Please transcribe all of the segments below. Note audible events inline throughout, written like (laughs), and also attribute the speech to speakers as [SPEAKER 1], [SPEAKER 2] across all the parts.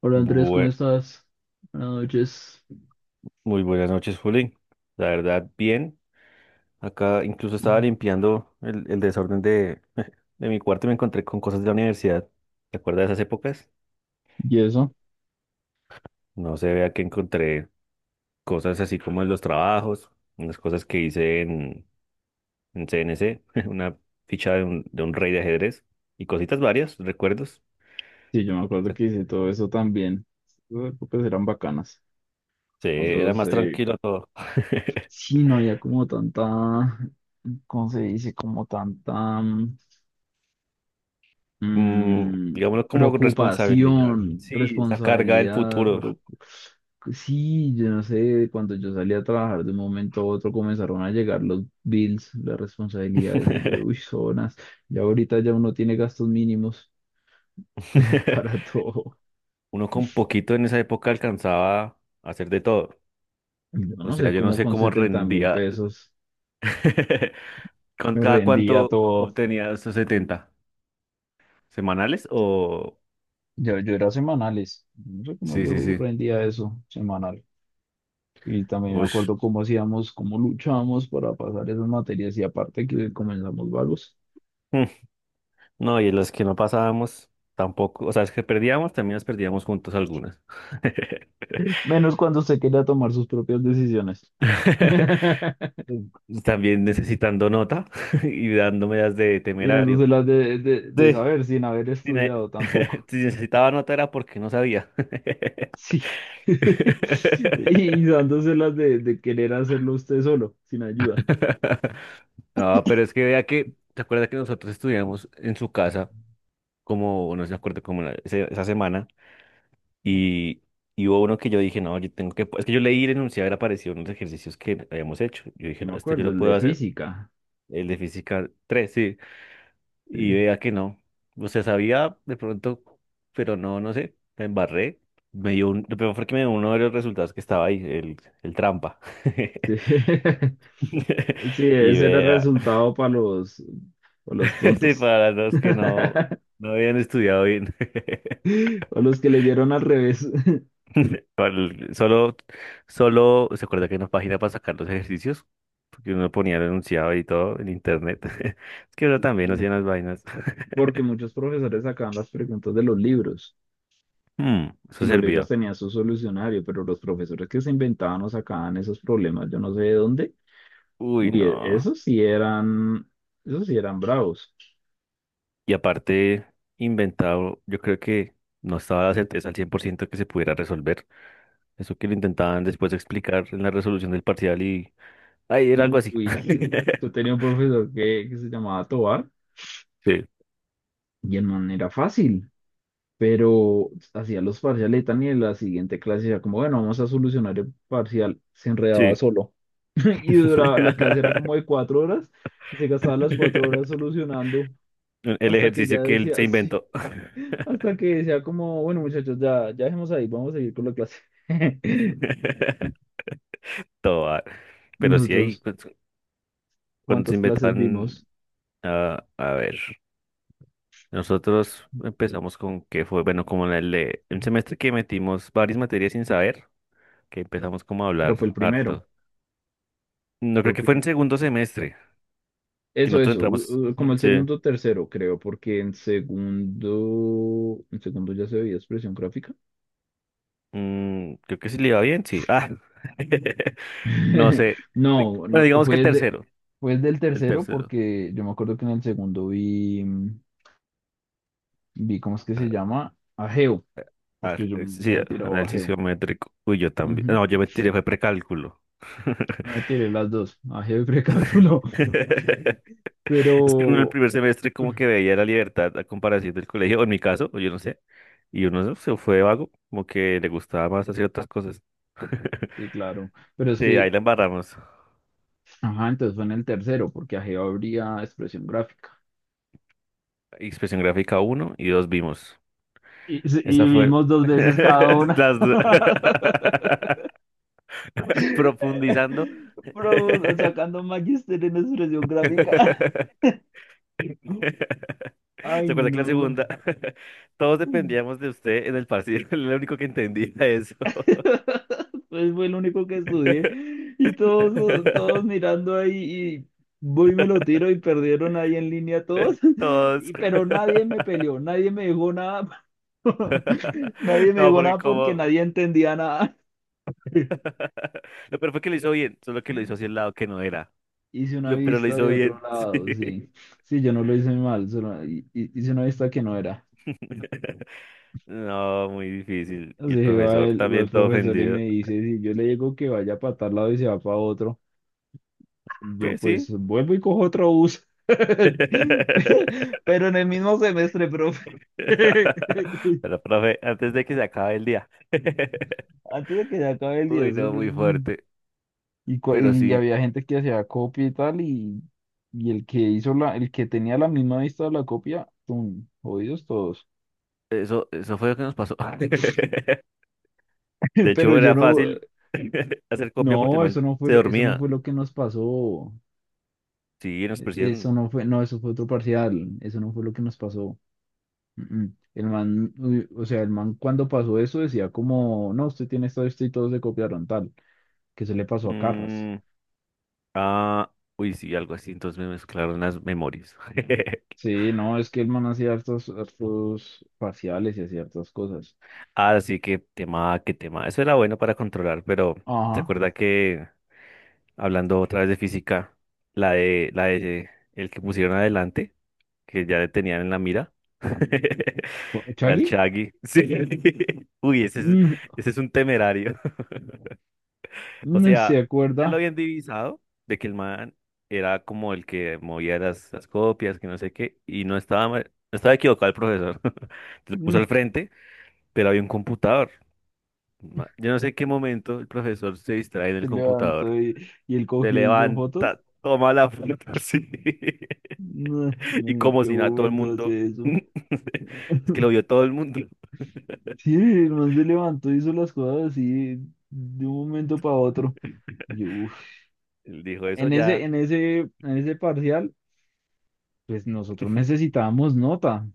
[SPEAKER 1] Hola Andrés, ¿cómo
[SPEAKER 2] Bue-
[SPEAKER 1] estás? Buenas noches.
[SPEAKER 2] Muy buenas noches, Juli. La verdad, bien. Acá incluso estaba limpiando el desorden de, (laughs) de mi cuarto y me encontré con cosas de la universidad. ¿Te acuerdas de esas épocas?
[SPEAKER 1] Y eso,
[SPEAKER 2] No se vea que encontré cosas así como en los trabajos, unas cosas que hice en CNC, (laughs) una ficha de un rey de ajedrez y cositas varias, recuerdos.
[SPEAKER 1] sí, yo me acuerdo que hice todo eso también. Esas épocas eran bacanas.
[SPEAKER 2] Sí, era
[SPEAKER 1] Nosotros,
[SPEAKER 2] más tranquilo todo. (laughs)
[SPEAKER 1] sí, no había como tanta, ¿cómo se dice? Como tanta
[SPEAKER 2] Mm,
[SPEAKER 1] mm,
[SPEAKER 2] digámoslo como responsabilidad.
[SPEAKER 1] preocupación,
[SPEAKER 2] Sí, esa carga del
[SPEAKER 1] responsabilidad,
[SPEAKER 2] futuro.
[SPEAKER 1] pero sí, yo no sé, cuando yo salí a trabajar de un momento a otro comenzaron a llegar los bills, las responsabilidades, y yo, uy, zonas, y ahorita ya uno tiene gastos mínimos. (laughs) Para
[SPEAKER 2] (laughs)
[SPEAKER 1] todo.
[SPEAKER 2] Uno con poquito en esa época alcanzaba a hacer de todo.
[SPEAKER 1] Yo
[SPEAKER 2] O
[SPEAKER 1] no
[SPEAKER 2] sea,
[SPEAKER 1] sé
[SPEAKER 2] yo no
[SPEAKER 1] cómo
[SPEAKER 2] sé
[SPEAKER 1] con
[SPEAKER 2] cómo
[SPEAKER 1] setenta mil
[SPEAKER 2] rendía.
[SPEAKER 1] pesos
[SPEAKER 2] (laughs) ¿Con
[SPEAKER 1] me
[SPEAKER 2] cada
[SPEAKER 1] rendía
[SPEAKER 2] cuánto
[SPEAKER 1] todo.
[SPEAKER 2] obtenía esos 70? ¿Semanales o...?
[SPEAKER 1] Yo era semanales. No sé cómo
[SPEAKER 2] Sí, sí,
[SPEAKER 1] yo
[SPEAKER 2] sí.
[SPEAKER 1] rendía eso semanal. Y también me
[SPEAKER 2] Ush.
[SPEAKER 1] acuerdo cómo hacíamos, cómo luchábamos para pasar esas materias y aparte que comenzamos vagos.
[SPEAKER 2] Mm. No, y los que no pasábamos tampoco. O sea, es que perdíamos, también las perdíamos juntos algunas. (laughs)
[SPEAKER 1] Menos cuando usted quería tomar sus propias decisiones. (laughs)
[SPEAKER 2] También necesitando nota (laughs) y dándome las de
[SPEAKER 1] Y
[SPEAKER 2] temerario.
[SPEAKER 1] dándoselas de
[SPEAKER 2] Sí.
[SPEAKER 1] saber sin haber
[SPEAKER 2] Si ne-
[SPEAKER 1] estudiado tampoco.
[SPEAKER 2] (laughs) si necesitaba nota era porque no sabía.
[SPEAKER 1] Sí. (laughs) Y
[SPEAKER 2] (laughs)
[SPEAKER 1] dándoselas de querer hacerlo usted solo, sin ayuda.
[SPEAKER 2] (laughs) No, pero es que vea que, ¿te acuerdas que nosotros estudiamos en su casa, como, no se acuerda, como esa semana, y, y hubo uno que yo dije, no, yo tengo que, es que yo leí y enunciar apareció en los ejercicios que habíamos hecho. Yo dije,
[SPEAKER 1] Yo
[SPEAKER 2] no,
[SPEAKER 1] me
[SPEAKER 2] este yo
[SPEAKER 1] acuerdo,
[SPEAKER 2] lo
[SPEAKER 1] el
[SPEAKER 2] puedo
[SPEAKER 1] de
[SPEAKER 2] hacer,
[SPEAKER 1] física.
[SPEAKER 2] el de física 3 sí, y
[SPEAKER 1] Sí,
[SPEAKER 2] vea que no. O sea, sabía de pronto, pero no sé, me embarré. Me dio un, lo peor fue que me dio uno de los resultados que estaba ahí, el trampa. (laughs)
[SPEAKER 1] sí. (laughs)
[SPEAKER 2] (laughs)
[SPEAKER 1] Sí,
[SPEAKER 2] Y
[SPEAKER 1] ese era el
[SPEAKER 2] vea.
[SPEAKER 1] resultado para los
[SPEAKER 2] (laughs) Sí,
[SPEAKER 1] tontos.
[SPEAKER 2] para las dos
[SPEAKER 1] (laughs)
[SPEAKER 2] que no, no habían estudiado bien. (laughs)
[SPEAKER 1] O los que leyeron al revés. (laughs)
[SPEAKER 2] Solo, solo se acuerda que hay una página para sacar los ejercicios, porque uno ponía el enunciado y todo en internet. (laughs) Es que uno también
[SPEAKER 1] Sí.
[SPEAKER 2] hacía las vainas. (laughs)
[SPEAKER 1] Porque muchos profesores sacaban las preguntas de los libros
[SPEAKER 2] Hmm, eso
[SPEAKER 1] y los libros
[SPEAKER 2] servía.
[SPEAKER 1] tenían su solucionario, pero los profesores que se inventaban o sacaban esos problemas, yo no sé de dónde.
[SPEAKER 2] Uy,
[SPEAKER 1] Uy,
[SPEAKER 2] no.
[SPEAKER 1] esos sí eran bravos.
[SPEAKER 2] Y aparte, inventado, yo creo que no estaba la certeza al 100 por ciento que se pudiera resolver. Eso que lo intentaban después explicar en la resolución del parcial y... Ay, era algo así.
[SPEAKER 1] Uy,
[SPEAKER 2] (laughs)
[SPEAKER 1] yo tenía un profesor que se llamaba Tobar
[SPEAKER 2] Sí,
[SPEAKER 1] y en manera fácil. Pero hacía los parciales y tan, y en la siguiente clase ya como, bueno, vamos a solucionar el parcial, se enredaba
[SPEAKER 2] sí.
[SPEAKER 1] solo. (laughs) Y duraba, la clase era como
[SPEAKER 2] (laughs)
[SPEAKER 1] de 4 horas, y se gastaba las 4 horas solucionando,
[SPEAKER 2] El
[SPEAKER 1] hasta que
[SPEAKER 2] ejercicio
[SPEAKER 1] ya
[SPEAKER 2] que él se
[SPEAKER 1] decía, (laughs) sí,
[SPEAKER 2] inventó.
[SPEAKER 1] hasta que decía como, bueno, muchachos, ya, ya dejemos ahí, vamos a seguir con la clase. (laughs)
[SPEAKER 2] (laughs) Toda. Pero sí hay
[SPEAKER 1] Nosotros,
[SPEAKER 2] pues, cuando se
[SPEAKER 1] ¿cuántas clases
[SPEAKER 2] inventan,
[SPEAKER 1] vimos?
[SPEAKER 2] ah, a ver, nosotros empezamos con que fue, bueno, como en un semestre que metimos varias materias sin saber, que empezamos como a
[SPEAKER 1] Pero fue el
[SPEAKER 2] hablar
[SPEAKER 1] primero.
[SPEAKER 2] harto. No
[SPEAKER 1] fue
[SPEAKER 2] creo
[SPEAKER 1] el
[SPEAKER 2] que fue en
[SPEAKER 1] prim-
[SPEAKER 2] segundo semestre, que
[SPEAKER 1] Eso,
[SPEAKER 2] nosotros entramos, ujú,
[SPEAKER 1] como el
[SPEAKER 2] sí,
[SPEAKER 1] segundo o tercero, creo, porque en segundo ya se veía expresión gráfica.
[SPEAKER 2] mm, creo que sí le iba bien, sí. Ah, (laughs) no
[SPEAKER 1] (laughs)
[SPEAKER 2] sé,
[SPEAKER 1] No,
[SPEAKER 2] bueno,
[SPEAKER 1] no,
[SPEAKER 2] digamos que el tercero,
[SPEAKER 1] fue desde el
[SPEAKER 2] el
[SPEAKER 1] tercero
[SPEAKER 2] tercero.
[SPEAKER 1] porque yo me acuerdo que en el segundo vi ¿cómo es que se llama? Ageo,
[SPEAKER 2] Ah,
[SPEAKER 1] porque yo me
[SPEAKER 2] sí,
[SPEAKER 1] había tirado
[SPEAKER 2] análisis
[SPEAKER 1] Ageo.
[SPEAKER 2] geométrico. Uy, yo también.
[SPEAKER 1] Ujú,
[SPEAKER 2] No, yo me tiré, fue precálculo.
[SPEAKER 1] me tiré las dos, Ageo y precálculo,
[SPEAKER 2] (laughs)
[SPEAKER 1] (laughs)
[SPEAKER 2] Es que uno en el
[SPEAKER 1] pero...
[SPEAKER 2] primer semestre como que veía la libertad a comparación del colegio, o en mi caso, o yo no sé, y uno no, se fue vago, como que le gustaba más hacer otras cosas. (laughs)
[SPEAKER 1] Sí, claro, pero es
[SPEAKER 2] Sí, ahí
[SPEAKER 1] que,
[SPEAKER 2] la embarramos.
[SPEAKER 1] ajá, entonces fue en el tercero porque Ageo habría expresión gráfica.
[SPEAKER 2] Expresión gráfica uno y dos vimos.
[SPEAKER 1] Y, sí,
[SPEAKER 2] Esa
[SPEAKER 1] y
[SPEAKER 2] fue
[SPEAKER 1] vimos dos veces cada
[SPEAKER 2] (laughs)
[SPEAKER 1] una.
[SPEAKER 2] las dos. (laughs)
[SPEAKER 1] (laughs)
[SPEAKER 2] Profundizando. (laughs)
[SPEAKER 1] Pero sacando magister en expresión gráfica. (laughs)
[SPEAKER 2] (laughs) ¿Se
[SPEAKER 1] Ay,
[SPEAKER 2] acuerda que la segunda?
[SPEAKER 1] no.
[SPEAKER 2] (laughs) Todos dependíamos de usted en el partido. (laughs) Era el único que entendía eso.
[SPEAKER 1] (laughs) Pues fue el único que estudié. Y todos, todos
[SPEAKER 2] (laughs)
[SPEAKER 1] mirando ahí y voy y me lo tiro y perdieron ahí en línea todos. (laughs)
[SPEAKER 2] Todos.
[SPEAKER 1] Y, pero nadie me peleó, nadie me dijo nada. (laughs) Nadie
[SPEAKER 2] (laughs)
[SPEAKER 1] me
[SPEAKER 2] No,
[SPEAKER 1] dijo
[SPEAKER 2] porque
[SPEAKER 1] nada porque
[SPEAKER 2] como...
[SPEAKER 1] nadie
[SPEAKER 2] (laughs)
[SPEAKER 1] entendía nada. (laughs)
[SPEAKER 2] Lo peor fue que lo hizo bien, solo que lo hizo hacia el lado que no era.
[SPEAKER 1] Hice una
[SPEAKER 2] Pero lo
[SPEAKER 1] vista
[SPEAKER 2] hizo
[SPEAKER 1] de otro
[SPEAKER 2] bien, (laughs) sí.
[SPEAKER 1] lado, sí. Sí, yo no lo hice mal, solo hice una vista que no era.
[SPEAKER 2] (laughs) No, muy difícil. Y
[SPEAKER 1] Así
[SPEAKER 2] el
[SPEAKER 1] que va
[SPEAKER 2] profesor
[SPEAKER 1] el,
[SPEAKER 2] también todo
[SPEAKER 1] profesor y
[SPEAKER 2] ofendido.
[SPEAKER 1] me dice, si yo le digo que vaya para tal lado y se va para otro. Yo
[SPEAKER 2] ¿Qué?
[SPEAKER 1] pues
[SPEAKER 2] Sí.
[SPEAKER 1] vuelvo y cojo otro bus.
[SPEAKER 2] (laughs)
[SPEAKER 1] (laughs) Pero en el mismo semestre, profe. (laughs)
[SPEAKER 2] Pero, profe, antes de que se acabe el día. (laughs)
[SPEAKER 1] Antes de que se acabe el
[SPEAKER 2] Uy,
[SPEAKER 1] 10.
[SPEAKER 2] no, muy fuerte.
[SPEAKER 1] Y, cua-
[SPEAKER 2] Pero
[SPEAKER 1] y
[SPEAKER 2] sí,
[SPEAKER 1] había gente que hacía copia y tal, y el que el que tenía la misma vista de la copia, ¡tum! Jodidos todos.
[SPEAKER 2] eso fue lo que nos pasó. (laughs) De
[SPEAKER 1] (laughs) Pero
[SPEAKER 2] hecho,
[SPEAKER 1] yo
[SPEAKER 2] era
[SPEAKER 1] no,
[SPEAKER 2] fácil (laughs) hacer copia porque el
[SPEAKER 1] no,
[SPEAKER 2] man se
[SPEAKER 1] eso no
[SPEAKER 2] dormía.
[SPEAKER 1] fue lo que nos pasó.
[SPEAKER 2] Sí, nos
[SPEAKER 1] Eso
[SPEAKER 2] persiguieron.
[SPEAKER 1] no fue, no, eso fue otro parcial. Eso no fue lo que nos pasó. Mm, mm. El man, uy, o sea, el man cuando pasó eso decía como, no, usted tiene esta lista y todos le copiaron tal, que se le pasó a Carras.
[SPEAKER 2] Mm, ah, uy, sí, algo así. Entonces me mezclaron las memorias. (laughs)
[SPEAKER 1] Sí, no, es que el man hacía hartos, hartos parciales y hacía hartas cosas.
[SPEAKER 2] Así que tema, qué tema. Eso era bueno para controlar, pero ¿te
[SPEAKER 1] Ajá.
[SPEAKER 2] acuerdas que hablando otra vez de física, la de el que pusieron adelante? Que ya le tenían en la mira. (laughs) Al
[SPEAKER 1] ¿Chaggy?
[SPEAKER 2] Shaggy. Sí. (laughs) Uy,
[SPEAKER 1] No,
[SPEAKER 2] ese es un temerario. (laughs) O
[SPEAKER 1] no se
[SPEAKER 2] sea, ya lo
[SPEAKER 1] acuerda.
[SPEAKER 2] habían divisado de que el man era como el que movía las copias, que no sé qué, y no estaba, no estaba equivocado el profesor. (laughs) Lo puso al
[SPEAKER 1] No,
[SPEAKER 2] frente, pero había un computador. Yo no sé en qué momento el profesor se distrae en el
[SPEAKER 1] se levantó
[SPEAKER 2] computador,
[SPEAKER 1] y, él
[SPEAKER 2] se
[SPEAKER 1] cogió y hizo fotos.
[SPEAKER 2] levanta, toma la foto (laughs) así,
[SPEAKER 1] No, yo
[SPEAKER 2] y
[SPEAKER 1] no sé en
[SPEAKER 2] como
[SPEAKER 1] qué
[SPEAKER 2] si nada, todo el
[SPEAKER 1] momento
[SPEAKER 2] mundo.
[SPEAKER 1] hace eso.
[SPEAKER 2] (laughs) Es que lo vio todo el mundo.
[SPEAKER 1] Sí, el man se levantó y hizo las cosas así de un momento para otro. Yo uf,
[SPEAKER 2] Él dijo eso
[SPEAKER 1] En ese,
[SPEAKER 2] ya.
[SPEAKER 1] en ese, en ese parcial, pues nosotros necesitábamos nota.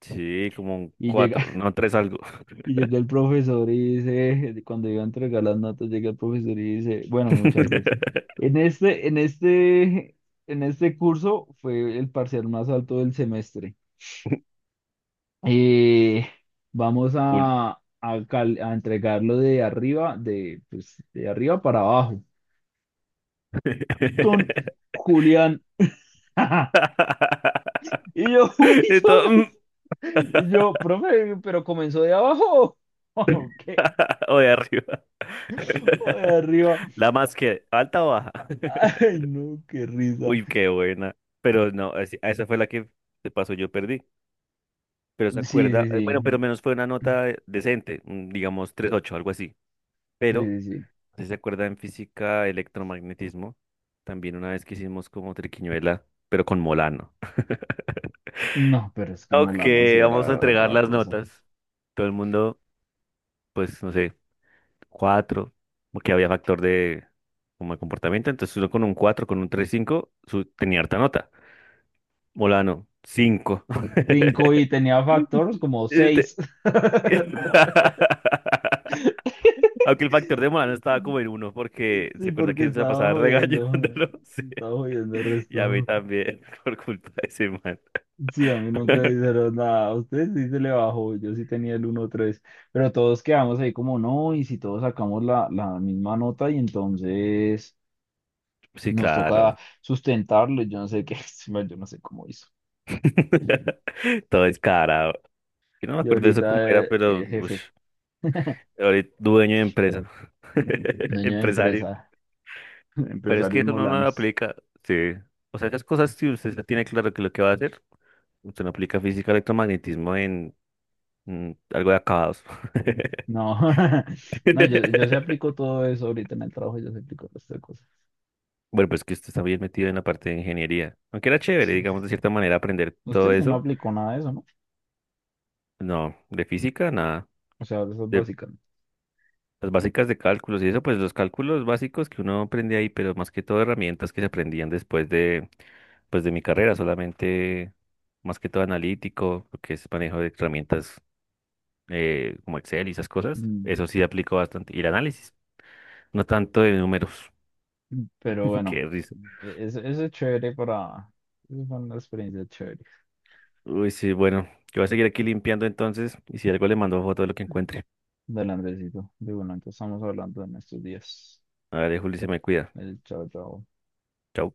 [SPEAKER 2] Sí, como un
[SPEAKER 1] Y llega,
[SPEAKER 2] cuatro, no, tres algo.
[SPEAKER 1] (laughs) y llega el profesor y dice, cuando iba a entregar las notas, llega el profesor y dice, bueno, muchachos,
[SPEAKER 2] (laughs)
[SPEAKER 1] en este, en este, en este curso fue el parcial más alto del semestre. Eh, vamos
[SPEAKER 2] Full.
[SPEAKER 1] a entregarlo, de arriba, de, pues, de arriba para abajo. Don
[SPEAKER 2] (laughs)
[SPEAKER 1] Julián. (laughs) Y yo, (laughs) uy,
[SPEAKER 2] Y todo,
[SPEAKER 1] Jonas.
[SPEAKER 2] mm. (laughs)
[SPEAKER 1] Y yo, profe, pero comenzó de abajo. (laughs) ¿O qué?
[SPEAKER 2] O de arriba.
[SPEAKER 1] ¿O de
[SPEAKER 2] (laughs)
[SPEAKER 1] arriba?
[SPEAKER 2] La más que, ¿alta o baja?
[SPEAKER 1] Ay,
[SPEAKER 2] (laughs)
[SPEAKER 1] no, qué risa.
[SPEAKER 2] Uy, qué buena. Pero no, esa fue la que de paso yo perdí. Pero se
[SPEAKER 1] Sí,
[SPEAKER 2] acuerda,
[SPEAKER 1] sí,
[SPEAKER 2] bueno, pero
[SPEAKER 1] sí.
[SPEAKER 2] menos fue una nota decente, mm, digamos 3.8 algo así.
[SPEAKER 1] Sí,
[SPEAKER 2] Pero
[SPEAKER 1] sí, sí.
[SPEAKER 2] si se acuerda en física, electromagnetismo, también una vez que hicimos como triquiñuela, pero con Molano.
[SPEAKER 1] No, pero es que
[SPEAKER 2] Ok,
[SPEAKER 1] Mulano sí
[SPEAKER 2] vamos a
[SPEAKER 1] era
[SPEAKER 2] entregar
[SPEAKER 1] otra
[SPEAKER 2] las
[SPEAKER 1] cosa.
[SPEAKER 2] notas. Todo el mundo, pues, no sé, cuatro, porque había factor de como de comportamiento. Entonces uno con un cuatro, con un 3,5, su, tenía harta nota. Molano, cinco. (laughs)
[SPEAKER 1] Cinco y tenía factores como
[SPEAKER 2] (laughs) Este-
[SPEAKER 1] seis.
[SPEAKER 2] (laughs) Aunque el factor de humano no
[SPEAKER 1] (laughs)
[SPEAKER 2] estaba como en uno, porque se
[SPEAKER 1] Sí,
[SPEAKER 2] acuerda
[SPEAKER 1] porque
[SPEAKER 2] que se la
[SPEAKER 1] estaba
[SPEAKER 2] pasaba
[SPEAKER 1] jodiendo.
[SPEAKER 2] regañándolo. (laughs) Sí.
[SPEAKER 1] Estaba jodiendo el
[SPEAKER 2] Y a mí
[SPEAKER 1] resto.
[SPEAKER 2] también, (laughs) por culpa de ese man.
[SPEAKER 1] Sí, a mí nunca me
[SPEAKER 2] (laughs)
[SPEAKER 1] dijeron nada. A ustedes sí se le bajó, yo sí tenía el uno tres. Pero todos quedamos ahí como no, y si todos sacamos la misma nota, y entonces
[SPEAKER 2] Sí,
[SPEAKER 1] nos toca
[SPEAKER 2] claro.
[SPEAKER 1] sustentarlo. Yo no sé qué, (laughs) bueno, yo no sé cómo hizo.
[SPEAKER 2] (laughs) Todo descarado. Yo no me
[SPEAKER 1] Y
[SPEAKER 2] acuerdo de eso cómo
[SPEAKER 1] ahorita,
[SPEAKER 2] era, pero
[SPEAKER 1] jefe,
[SPEAKER 2] ush, ahorita dueño de empresa. (laughs)
[SPEAKER 1] dueño de
[SPEAKER 2] Empresario.
[SPEAKER 1] empresa, (laughs)
[SPEAKER 2] Pero es que
[SPEAKER 1] empresarios
[SPEAKER 2] eso no, no lo
[SPEAKER 1] molanos.
[SPEAKER 2] aplica, sí. O sea, esas cosas, si usted ya tiene claro que lo que va a hacer, usted no aplica física electromagnetismo en mm, algo de acabados. (laughs)
[SPEAKER 1] No, (laughs) no, yo sí aplico todo eso ahorita en el trabajo, yo sí aplico todas estas cosas.
[SPEAKER 2] Bueno, pues que usted está bien metido en la parte de ingeniería. Aunque era chévere,
[SPEAKER 1] Sí, sí.
[SPEAKER 2] digamos, de
[SPEAKER 1] Sí.
[SPEAKER 2] cierta manera, aprender todo
[SPEAKER 1] Usted sí no
[SPEAKER 2] eso.
[SPEAKER 1] aplicó nada de eso, ¿no?
[SPEAKER 2] No, de física, nada.
[SPEAKER 1] O sea, de eso es básica. ¿No?
[SPEAKER 2] Las básicas de cálculos y eso, pues los cálculos básicos que uno aprende ahí, pero más que todo herramientas que se aprendían después de, pues de mi carrera, solamente más que todo analítico, lo que es manejo de herramientas como Excel y esas cosas,
[SPEAKER 1] Mm,
[SPEAKER 2] eso sí aplico bastante. Y el análisis, no tanto de números,
[SPEAKER 1] mm. Pero
[SPEAKER 2] (laughs) qué
[SPEAKER 1] bueno.
[SPEAKER 2] risa.
[SPEAKER 1] es eso es chévere para... Eso fue una experiencia chévere
[SPEAKER 2] Uy, sí, bueno, yo voy a seguir aquí limpiando entonces y si algo le mando foto de lo que encuentre.
[SPEAKER 1] del Andresito. De bueno, entonces estamos hablando en estos días.
[SPEAKER 2] A ver, Juli, se me cuida.
[SPEAKER 1] El chao, chao.
[SPEAKER 2] Chau.